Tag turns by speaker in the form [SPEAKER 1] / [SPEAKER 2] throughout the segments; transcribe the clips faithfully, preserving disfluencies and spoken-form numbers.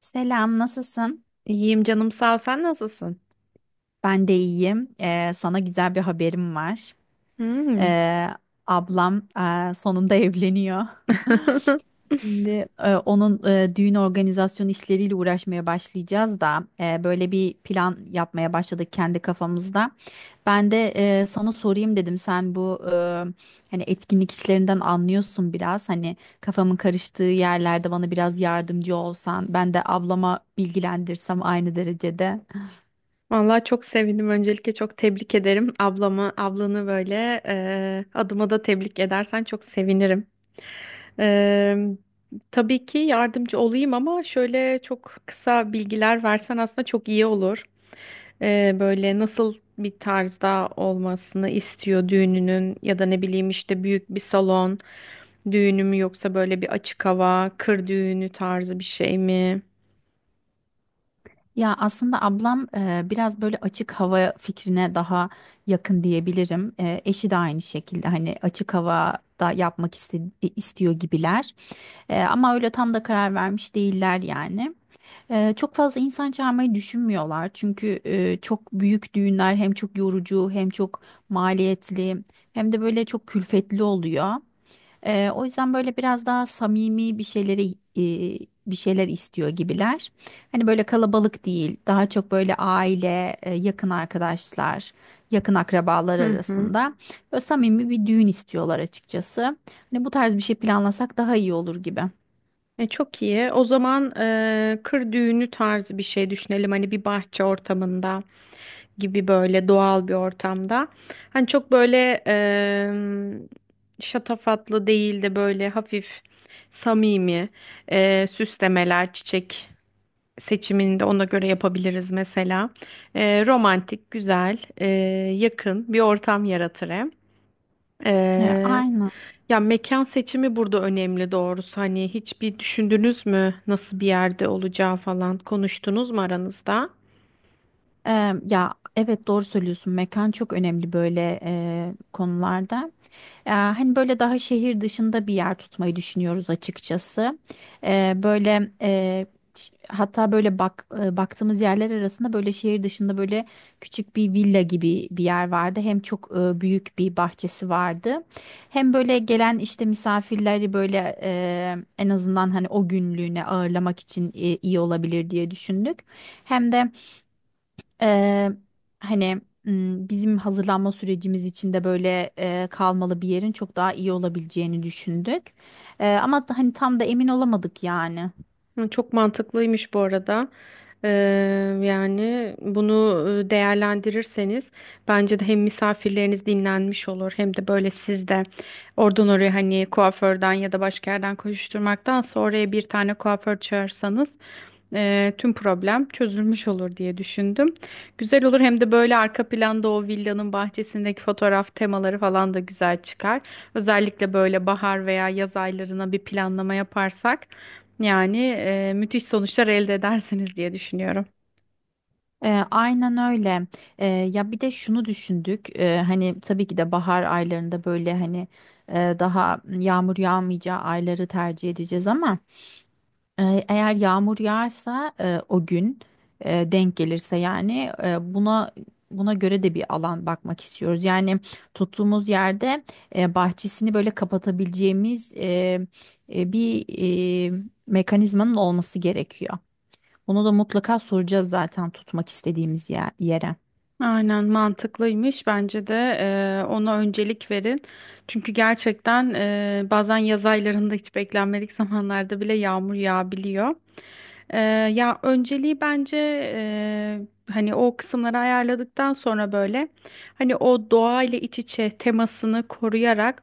[SPEAKER 1] Selam, nasılsın?
[SPEAKER 2] İyiyim canım sağ ol. Sen nasılsın?
[SPEAKER 1] Ben de iyiyim. Ee, sana güzel bir haberim var.
[SPEAKER 2] Hmm.
[SPEAKER 1] Ee, Ablam e, sonunda evleniyor. Şimdi e, onun e, düğün organizasyon işleriyle uğraşmaya başlayacağız da e, böyle bir plan yapmaya başladık kendi kafamızda. Ben de e, sana sorayım dedim. Sen bu e, hani etkinlik işlerinden anlıyorsun biraz. Hani kafamın karıştığı yerlerde bana biraz yardımcı olsan, ben de ablama bilgilendirsem aynı derecede.
[SPEAKER 2] Vallahi çok sevindim. Öncelikle çok tebrik ederim ablamı, ablanı böyle e, adıma da tebrik edersen çok sevinirim. E, tabii ki yardımcı olayım ama şöyle çok kısa bilgiler versen aslında çok iyi olur. E, böyle nasıl bir tarzda olmasını istiyor düğününün ya da ne bileyim işte büyük bir salon düğünü mü yoksa böyle bir açık hava, kır düğünü tarzı bir şey mi?
[SPEAKER 1] Ya aslında ablam e, biraz böyle açık hava fikrine daha yakın diyebilirim. E, eşi de aynı şekilde hani açık havada yapmak iste- istiyor gibiler. E, ama öyle tam da karar vermiş değiller yani. E, çok fazla insan çağırmayı düşünmüyorlar. Çünkü e, çok büyük düğünler hem çok yorucu hem çok maliyetli hem de böyle çok külfetli oluyor. Ee, o yüzden böyle biraz daha samimi bir şeyleri e, bir şeyler istiyor gibiler. Hani böyle kalabalık değil, daha çok böyle aile, e, yakın arkadaşlar, yakın akrabalar
[SPEAKER 2] Hı hı.
[SPEAKER 1] arasında böyle samimi bir düğün istiyorlar açıkçası. Hani bu tarz bir şey planlasak daha iyi olur gibi.
[SPEAKER 2] E, çok iyi. O zaman e, kır düğünü tarzı bir şey düşünelim. Hani bir bahçe ortamında gibi böyle doğal bir ortamda. Hani çok böyle e, şatafatlı değil de böyle hafif samimi e, süslemeler, çiçek seçimini de ona göre yapabiliriz mesela. E, romantik, güzel, e, yakın bir ortam yaratır hem.
[SPEAKER 1] Ee,
[SPEAKER 2] E,
[SPEAKER 1] aynen.
[SPEAKER 2] Ya mekan seçimi burada önemli doğrusu. Hani hiç bir düşündünüz mü nasıl bir yerde olacağı falan konuştunuz mu aranızda?
[SPEAKER 1] Eee, ya evet doğru söylüyorsun. Mekan çok önemli böyle eee, konularda. Ya, hani böyle daha şehir dışında bir yer tutmayı düşünüyoruz açıkçası. Eee, böyle eee, ş- Hatta böyle bak e, baktığımız yerler arasında böyle şehir dışında böyle küçük bir villa gibi bir yer vardı. Hem çok e, büyük bir bahçesi vardı. Hem böyle gelen işte misafirleri böyle e, en azından hani o günlüğüne ağırlamak için e, iyi olabilir diye düşündük. Hem de Eee, hani m, bizim hazırlanma sürecimiz için de böyle eee, kalmalı bir yerin çok daha iyi olabileceğini düşündük. Eee, ama da- hani tam da emin olamadık yani.
[SPEAKER 2] Hı, çok mantıklıymış bu arada. Ee, Yani bunu e, değerlendirirseniz bence de hem misafirleriniz dinlenmiş olur hem de böyle siz de oradan oraya hani kuaförden ya da başka yerden koşuşturmaktansa oraya bir tane kuaför çağırsanız e, tüm problem çözülmüş olur diye düşündüm. Güzel olur hem de böyle arka planda o villanın bahçesindeki fotoğraf temaları falan da güzel çıkar. Özellikle böyle bahar veya yaz aylarına bir planlama yaparsak. Yani e, müthiş sonuçlar elde edersiniz diye düşünüyorum.
[SPEAKER 1] Eee, aynen öyle. Eee, Ya bir de şunu düşündük. Eee, hani tabii ki de bahar aylarında böyle hani eee, daha yağmur yağmayacağı ayları tercih edeceğiz ama. E, Eğer yağmur yağarsa e, o gün e, denk gelirse yani e, buna buna göre de bir alan bakmak istiyoruz. Yani tuttuğumuz yerde e, bahçesini böyle kapatabileceğimiz e, e, bir e, mekanizmanın olması gerekiyor. Bunu da mutlaka soracağız zaten tutmak istediğimiz yer- yere.
[SPEAKER 2] Aynen mantıklıymış. Bence de e, ona öncelik verin. Çünkü gerçekten e, bazen yaz aylarında hiç beklenmedik zamanlarda bile yağmur yağabiliyor. E, Ya önceliği bence e, hani o kısımları ayarladıktan sonra böyle hani o doğayla iç içe temasını koruyarak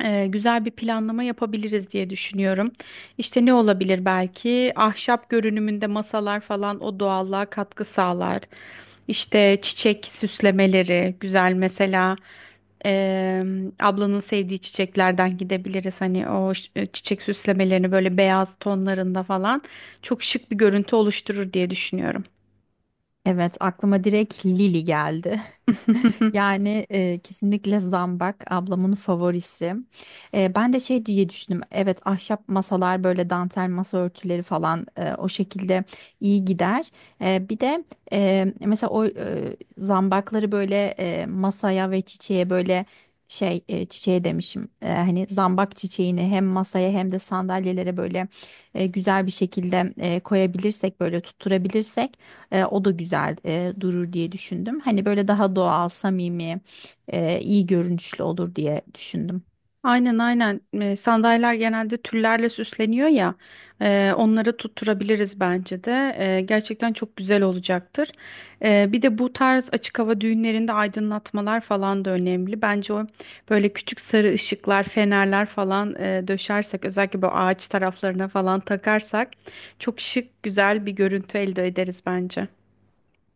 [SPEAKER 2] e, güzel bir planlama yapabiliriz diye düşünüyorum. İşte ne olabilir belki? Ahşap görünümünde masalar falan o doğallığa katkı sağlar. İşte çiçek süslemeleri güzel mesela. e, Ablanın sevdiği çiçeklerden gidebiliriz. Hani o ş- e, çiçek süslemelerini böyle beyaz tonlarında falan çok şık bir görüntü oluşturur diye düşünüyorum.
[SPEAKER 1] Evet, aklıma direkt Lili geldi. Yani e, kesinlikle zambak ablamın favorisi. E, ben de şey diye düşündüm. Evet ahşap masalar böyle dantel masa örtüleri falan e, o şekilde iyi gider. E, bir de e, mesela o e, zambakları böyle e, masaya ve çiçeğe böyle şey e, çiçeğe demişim. E, hani zambak çiçeğini hem masaya hem de sandalyelere böyle e, güzel bir şekilde e, koyabilirsek böyle tutturabilirsek. E, o da güzel e, durur diye düşündüm. Hani böyle daha doğal, samimi, e, iyi görünüşlü olur diye düşündüm.
[SPEAKER 2] Aynen aynen. E, sandalyeler genelde tüllerle süsleniyor ya e, onları tutturabiliriz bence de. E, gerçekten çok güzel olacaktır. E, bir de bu tarz açık hava düğünlerinde aydınlatmalar falan da önemli. Bence o böyle küçük sarı ışıklar, fenerler falan e, döşersek özellikle bu ağaç taraflarına falan takarsak çok şık güzel bir görüntü elde ederiz bence.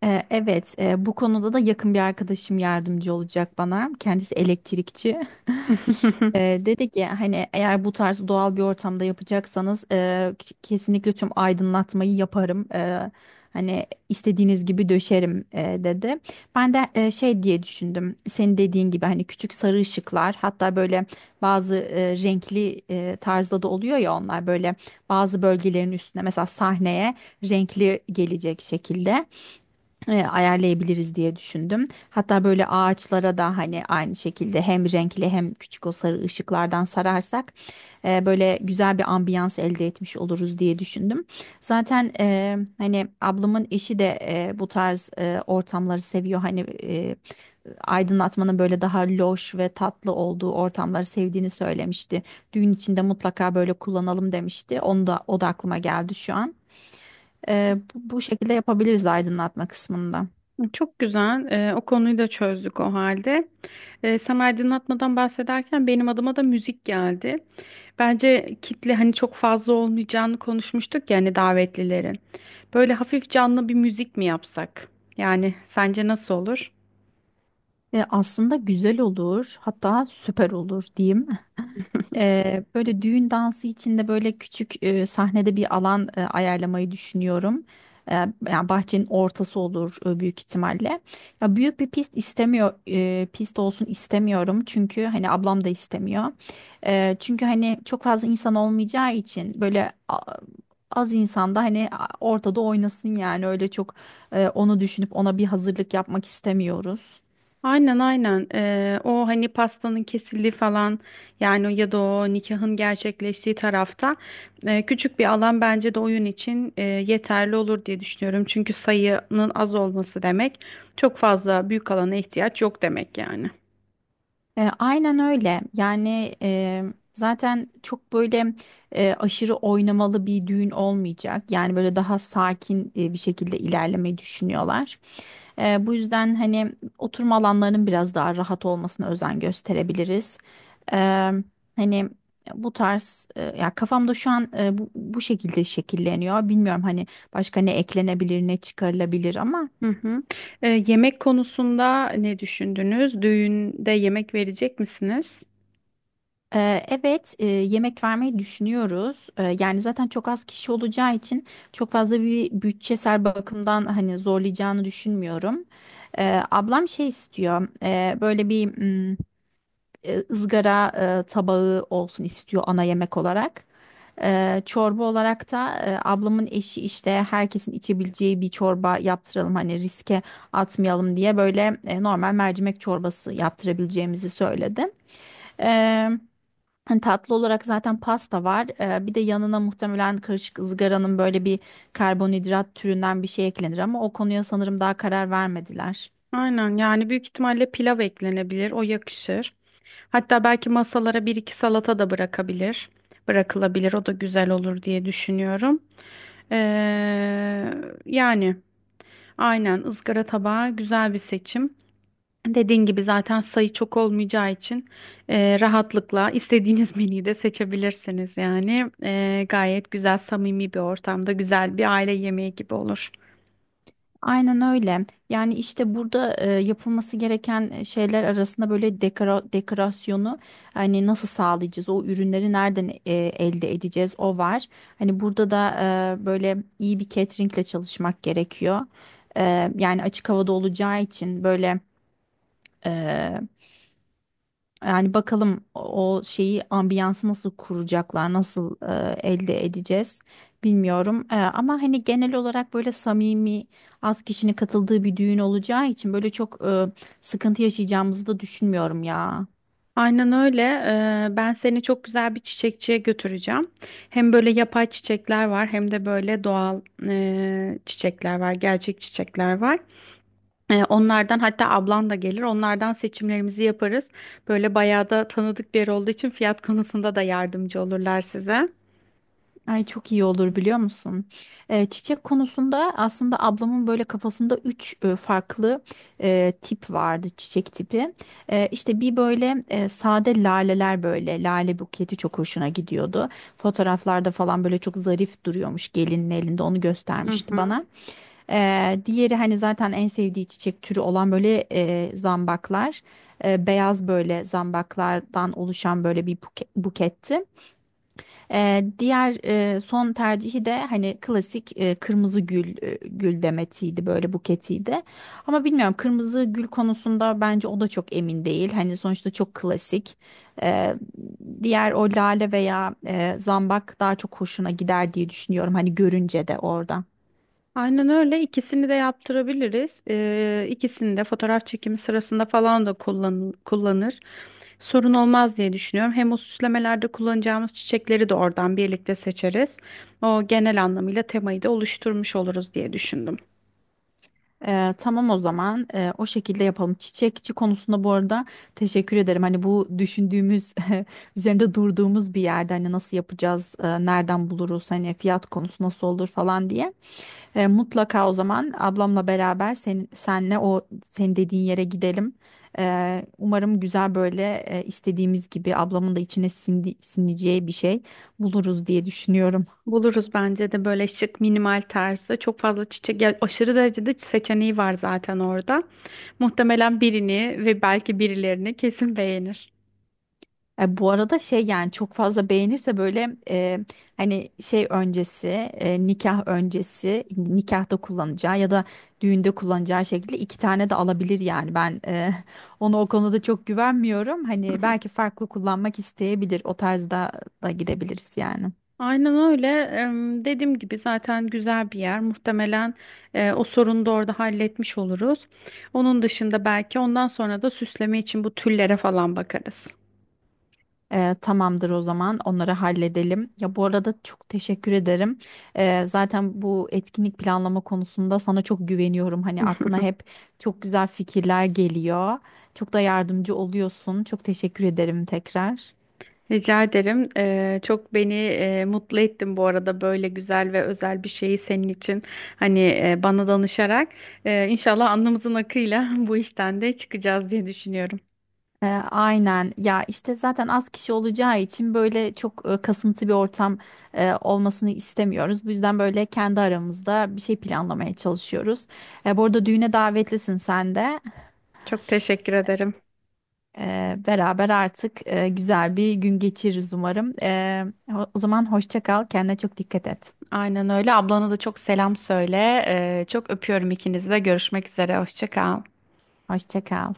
[SPEAKER 1] E, evet, e, bu konuda da yakın bir arkadaşım yardımcı olacak bana. Kendisi elektrikçi. E, Dedi ki hani eğer bu tarz doğal bir ortamda yapacaksanız e, k- kesinlikle tüm aydınlatmayı yaparım. E, hani istediğiniz gibi döşerim e, dedi. Ben de e, şey diye düşündüm. Senin dediğin gibi hani küçük sarı ışıklar hatta böyle bazı e, renkli e, tarzda da oluyor ya onlar böyle bazı bölgelerin üstüne mesela sahneye renkli gelecek şekilde e, ayarlayabiliriz diye düşündüm. Hatta böyle ağaçlara da hani aynı şekilde hem renkli hem küçük o sarı ışıklardan sararsak e, böyle güzel bir ambiyans elde etmiş oluruz diye düşündüm. Zaten e, hani ablamın eşi de e, bu tarz e, ortamları seviyor. Hani e, aydınlatmanın böyle daha loş ve tatlı olduğu ortamları sevdiğini söylemişti. Düğün içinde mutlaka böyle kullanalım demişti. Onu da o da aklıma geldi şu an. E, bu bu şekilde yapabiliriz aydınlatma kısmında.
[SPEAKER 2] Çok güzel. Ee, o konuyu da çözdük o halde. Ee, sen aydınlatmadan bahsederken benim adıma da müzik geldi. Bence kitle hani çok fazla olmayacağını konuşmuştuk yani davetlilerin. Böyle hafif canlı bir müzik mi yapsak? Yani sence nasıl olur?
[SPEAKER 1] E, aslında güzel olur, hatta süper olur diyeyim. E, böyle düğün dansı için de böyle küçük e, sahnede bir alan e, ayarlamayı düşünüyorum. E, Yani bahçenin ortası olur e, büyük ihtimalle. Ya büyük bir pist istemiyor, e, pist olsun istemiyorum çünkü hani ablam da istemiyor. E, çünkü hani çok fazla insan olmayacağı için böyle a- az insanda hani a- ortada oynasın yani öyle çok e, onu düşünüp ona bir hazırlık yapmak istemiyoruz.
[SPEAKER 2] Aynen aynen. Ee, o hani pastanın kesildiği falan yani ya da o nikahın gerçekleştiği tarafta e, küçük bir alan bence de oyun için e, yeterli olur diye düşünüyorum. Çünkü sayının az olması demek çok fazla büyük alana ihtiyaç yok demek yani.
[SPEAKER 1] E, aynen öyle. Yani e, zaten çok böyle e, aşırı oynamalı bir düğün olmayacak. Yani böyle daha sakin e, bir şekilde ilerlemeyi düşünüyorlar. E, bu yüzden hani oturma alanlarının biraz daha rahat olmasına özen gösterebiliriz. E, Hani bu tarz e, ya kafamda şu an e, bu, bu şekilde şekilleniyor. Bilmiyorum hani başka ne eklenebilir ne çıkarılabilir ama.
[SPEAKER 2] Hı hı. Ee, yemek konusunda ne düşündünüz? Düğünde yemek verecek misiniz?
[SPEAKER 1] Ee, Evet, e, yemek vermeyi düşünüyoruz. Ee, Yani zaten çok az kişi olacağı için çok fazla bir bütçesel bakımdan hani zorlayacağını düşünmüyorum. Ee, Ablam şey istiyor, e, böyle bir mm, e, ızgara e, tabağı olsun istiyor ana yemek olarak. Ee, Çorba olarak da e, ablamın eşi işte herkesin içebileceği bir çorba yaptıralım hani riske atmayalım diye böyle e, normal mercimek çorbası yaptırabileceğimizi söyledi. Hani tatlı olarak zaten pasta var. Ee, bir de yanına muhtemelen karışık ızgaranın böyle bir karbonhidrat türünden bir şey eklenir ama o konuya sanırım daha karar vermediler.
[SPEAKER 2] Aynen, yani büyük ihtimalle pilav eklenebilir. O yakışır. Hatta belki masalara bir iki salata da bırakabilir. Bırakılabilir. O da güzel olur diye düşünüyorum. Ee, Yani aynen ızgara tabağı güzel bir seçim. Dediğin gibi zaten sayı çok olmayacağı için e, rahatlıkla istediğiniz menüyü de seçebilirsiniz. Yani E, gayet güzel, samimi bir ortamda güzel bir aile yemeği gibi olur.
[SPEAKER 1] Aynen öyle. Yani işte burada e, yapılması gereken şeyler arasında böyle dekora, dekorasyonu hani nasıl sağlayacağız? O ürünleri nereden e, elde edeceğiz? O var. Hani burada da e, böyle iyi bir cateringle çalışmak gerekiyor. E, yani açık havada olacağı için böyle e, yani bakalım o şeyi ambiyansı nasıl kuracaklar, nasıl e, elde edeceğiz bilmiyorum. E, ama hani genel olarak böyle samimi az kişinin katıldığı bir düğün olacağı için böyle çok e, sıkıntı yaşayacağımızı da düşünmüyorum ya.
[SPEAKER 2] Aynen öyle. Ee, ben seni çok güzel bir çiçekçiye götüreceğim. Hem böyle yapay çiçekler var hem de böyle doğal e, çiçekler var, gerçek çiçekler var. Ee, onlardan hatta ablan da gelir. Onlardan seçimlerimizi yaparız. Böyle bayağı da tanıdık bir yer olduğu için fiyat konusunda da yardımcı olurlar size.
[SPEAKER 1] Ay çok iyi olur biliyor musun? Ee, çiçek konusunda aslında ablamın böyle kafasında üç e, farklı e, tip vardı çiçek tipi. E, işte bir böyle e, sade laleler böyle lale buketi çok hoşuna gidiyordu. Fotoğraflarda falan böyle çok zarif duruyormuş gelinin elinde onu
[SPEAKER 2] Hı
[SPEAKER 1] göstermişti
[SPEAKER 2] hı.
[SPEAKER 1] bana. Ee, diğeri hani zaten en sevdiği çiçek türü olan böyle e, zambaklar. E, beyaz böyle zambaklardan oluşan böyle bir buke- buketti. Ee, diğer e, son tercihi de hani klasik e, kırmızı gül e, gül demetiydi böyle buketiydi. Ama bilmiyorum kırmızı gül konusunda bence o da çok emin değil. Hani sonuçta çok klasik. Ee, Diğer o lale veya e, zambak daha çok hoşuna gider diye düşünüyorum. Hani görünce de oradan.
[SPEAKER 2] Aynen öyle. İkisini de yaptırabiliriz. Ee, ikisini de fotoğraf çekimi sırasında falan da kullan kullanır. Sorun olmaz diye düşünüyorum. Hem o süslemelerde kullanacağımız çiçekleri de oradan birlikte seçeriz. O genel anlamıyla temayı da oluşturmuş oluruz diye düşündüm.
[SPEAKER 1] Ee, tamam o zaman. Ee, o şekilde yapalım. Çiçekçi konusunda bu arada teşekkür ederim. Hani bu düşündüğümüz üzerinde durduğumuz bir yerde hani nasıl yapacağız, e, nereden buluruz, hani fiyat konusu nasıl olur falan diye. Ee, mutlaka o zaman ablamla beraber sen, senle o senin dediğin yere gidelim. Ee, umarım güzel böyle e, istediğimiz gibi ablamın da içine sindi, sineceği bir şey buluruz diye düşünüyorum.
[SPEAKER 2] Buluruz bence de böyle şık minimal tarzda çok fazla çiçek ya aşırı derecede seçeneği var zaten orada. Muhtemelen birini ve belki birilerini kesin beğenir.
[SPEAKER 1] E, bu arada şey yani çok fazla beğenirse böyle e, hani şey öncesi e, nikah öncesi nikahta kullanacağı ya da düğünde kullanacağı şekilde iki tane de alabilir yani ben e, ona o konuda çok güvenmiyorum hani belki farklı kullanmak isteyebilir o tarzda da gidebiliriz yani.
[SPEAKER 2] Aynen öyle. Em, Dediğim gibi zaten güzel bir yer. Muhtemelen e, o sorunu da orada halletmiş oluruz. Onun dışında belki ondan sonra da süsleme için bu tüllere falan bakarız.
[SPEAKER 1] Ee, tamamdır o zaman onları halledelim. Ya bu arada çok teşekkür ederim. Ee, zaten bu etkinlik planlama konusunda sana çok güveniyorum. Hani aklına hep çok güzel fikirler geliyor. Çok da yardımcı oluyorsun. Çok teşekkür ederim tekrar.
[SPEAKER 2] Rica ederim. Ee, çok beni e, mutlu ettin bu arada böyle güzel ve özel bir şeyi senin için hani e, bana danışarak. Ee, inşallah alnımızın akıyla bu işten de çıkacağız diye düşünüyorum.
[SPEAKER 1] Ee, aynen ya işte zaten az kişi olacağı için böyle çok e, kasıntı bir ortam e, olmasını istemiyoruz. Bu yüzden böyle kendi aramızda bir şey planlamaya çalışıyoruz. E, bu arada düğüne davetlisin sen de.
[SPEAKER 2] Çok teşekkür ederim.
[SPEAKER 1] Ee, beraber artık e, güzel bir gün geçiririz umarım. Ee, o o zaman hoşça kal, kendine çok dikkat et.
[SPEAKER 2] Aynen öyle. Ablana da çok selam söyle. Ee, çok öpüyorum ikinizi de. Görüşmek üzere. Hoşça kal.
[SPEAKER 1] Hoşça kal.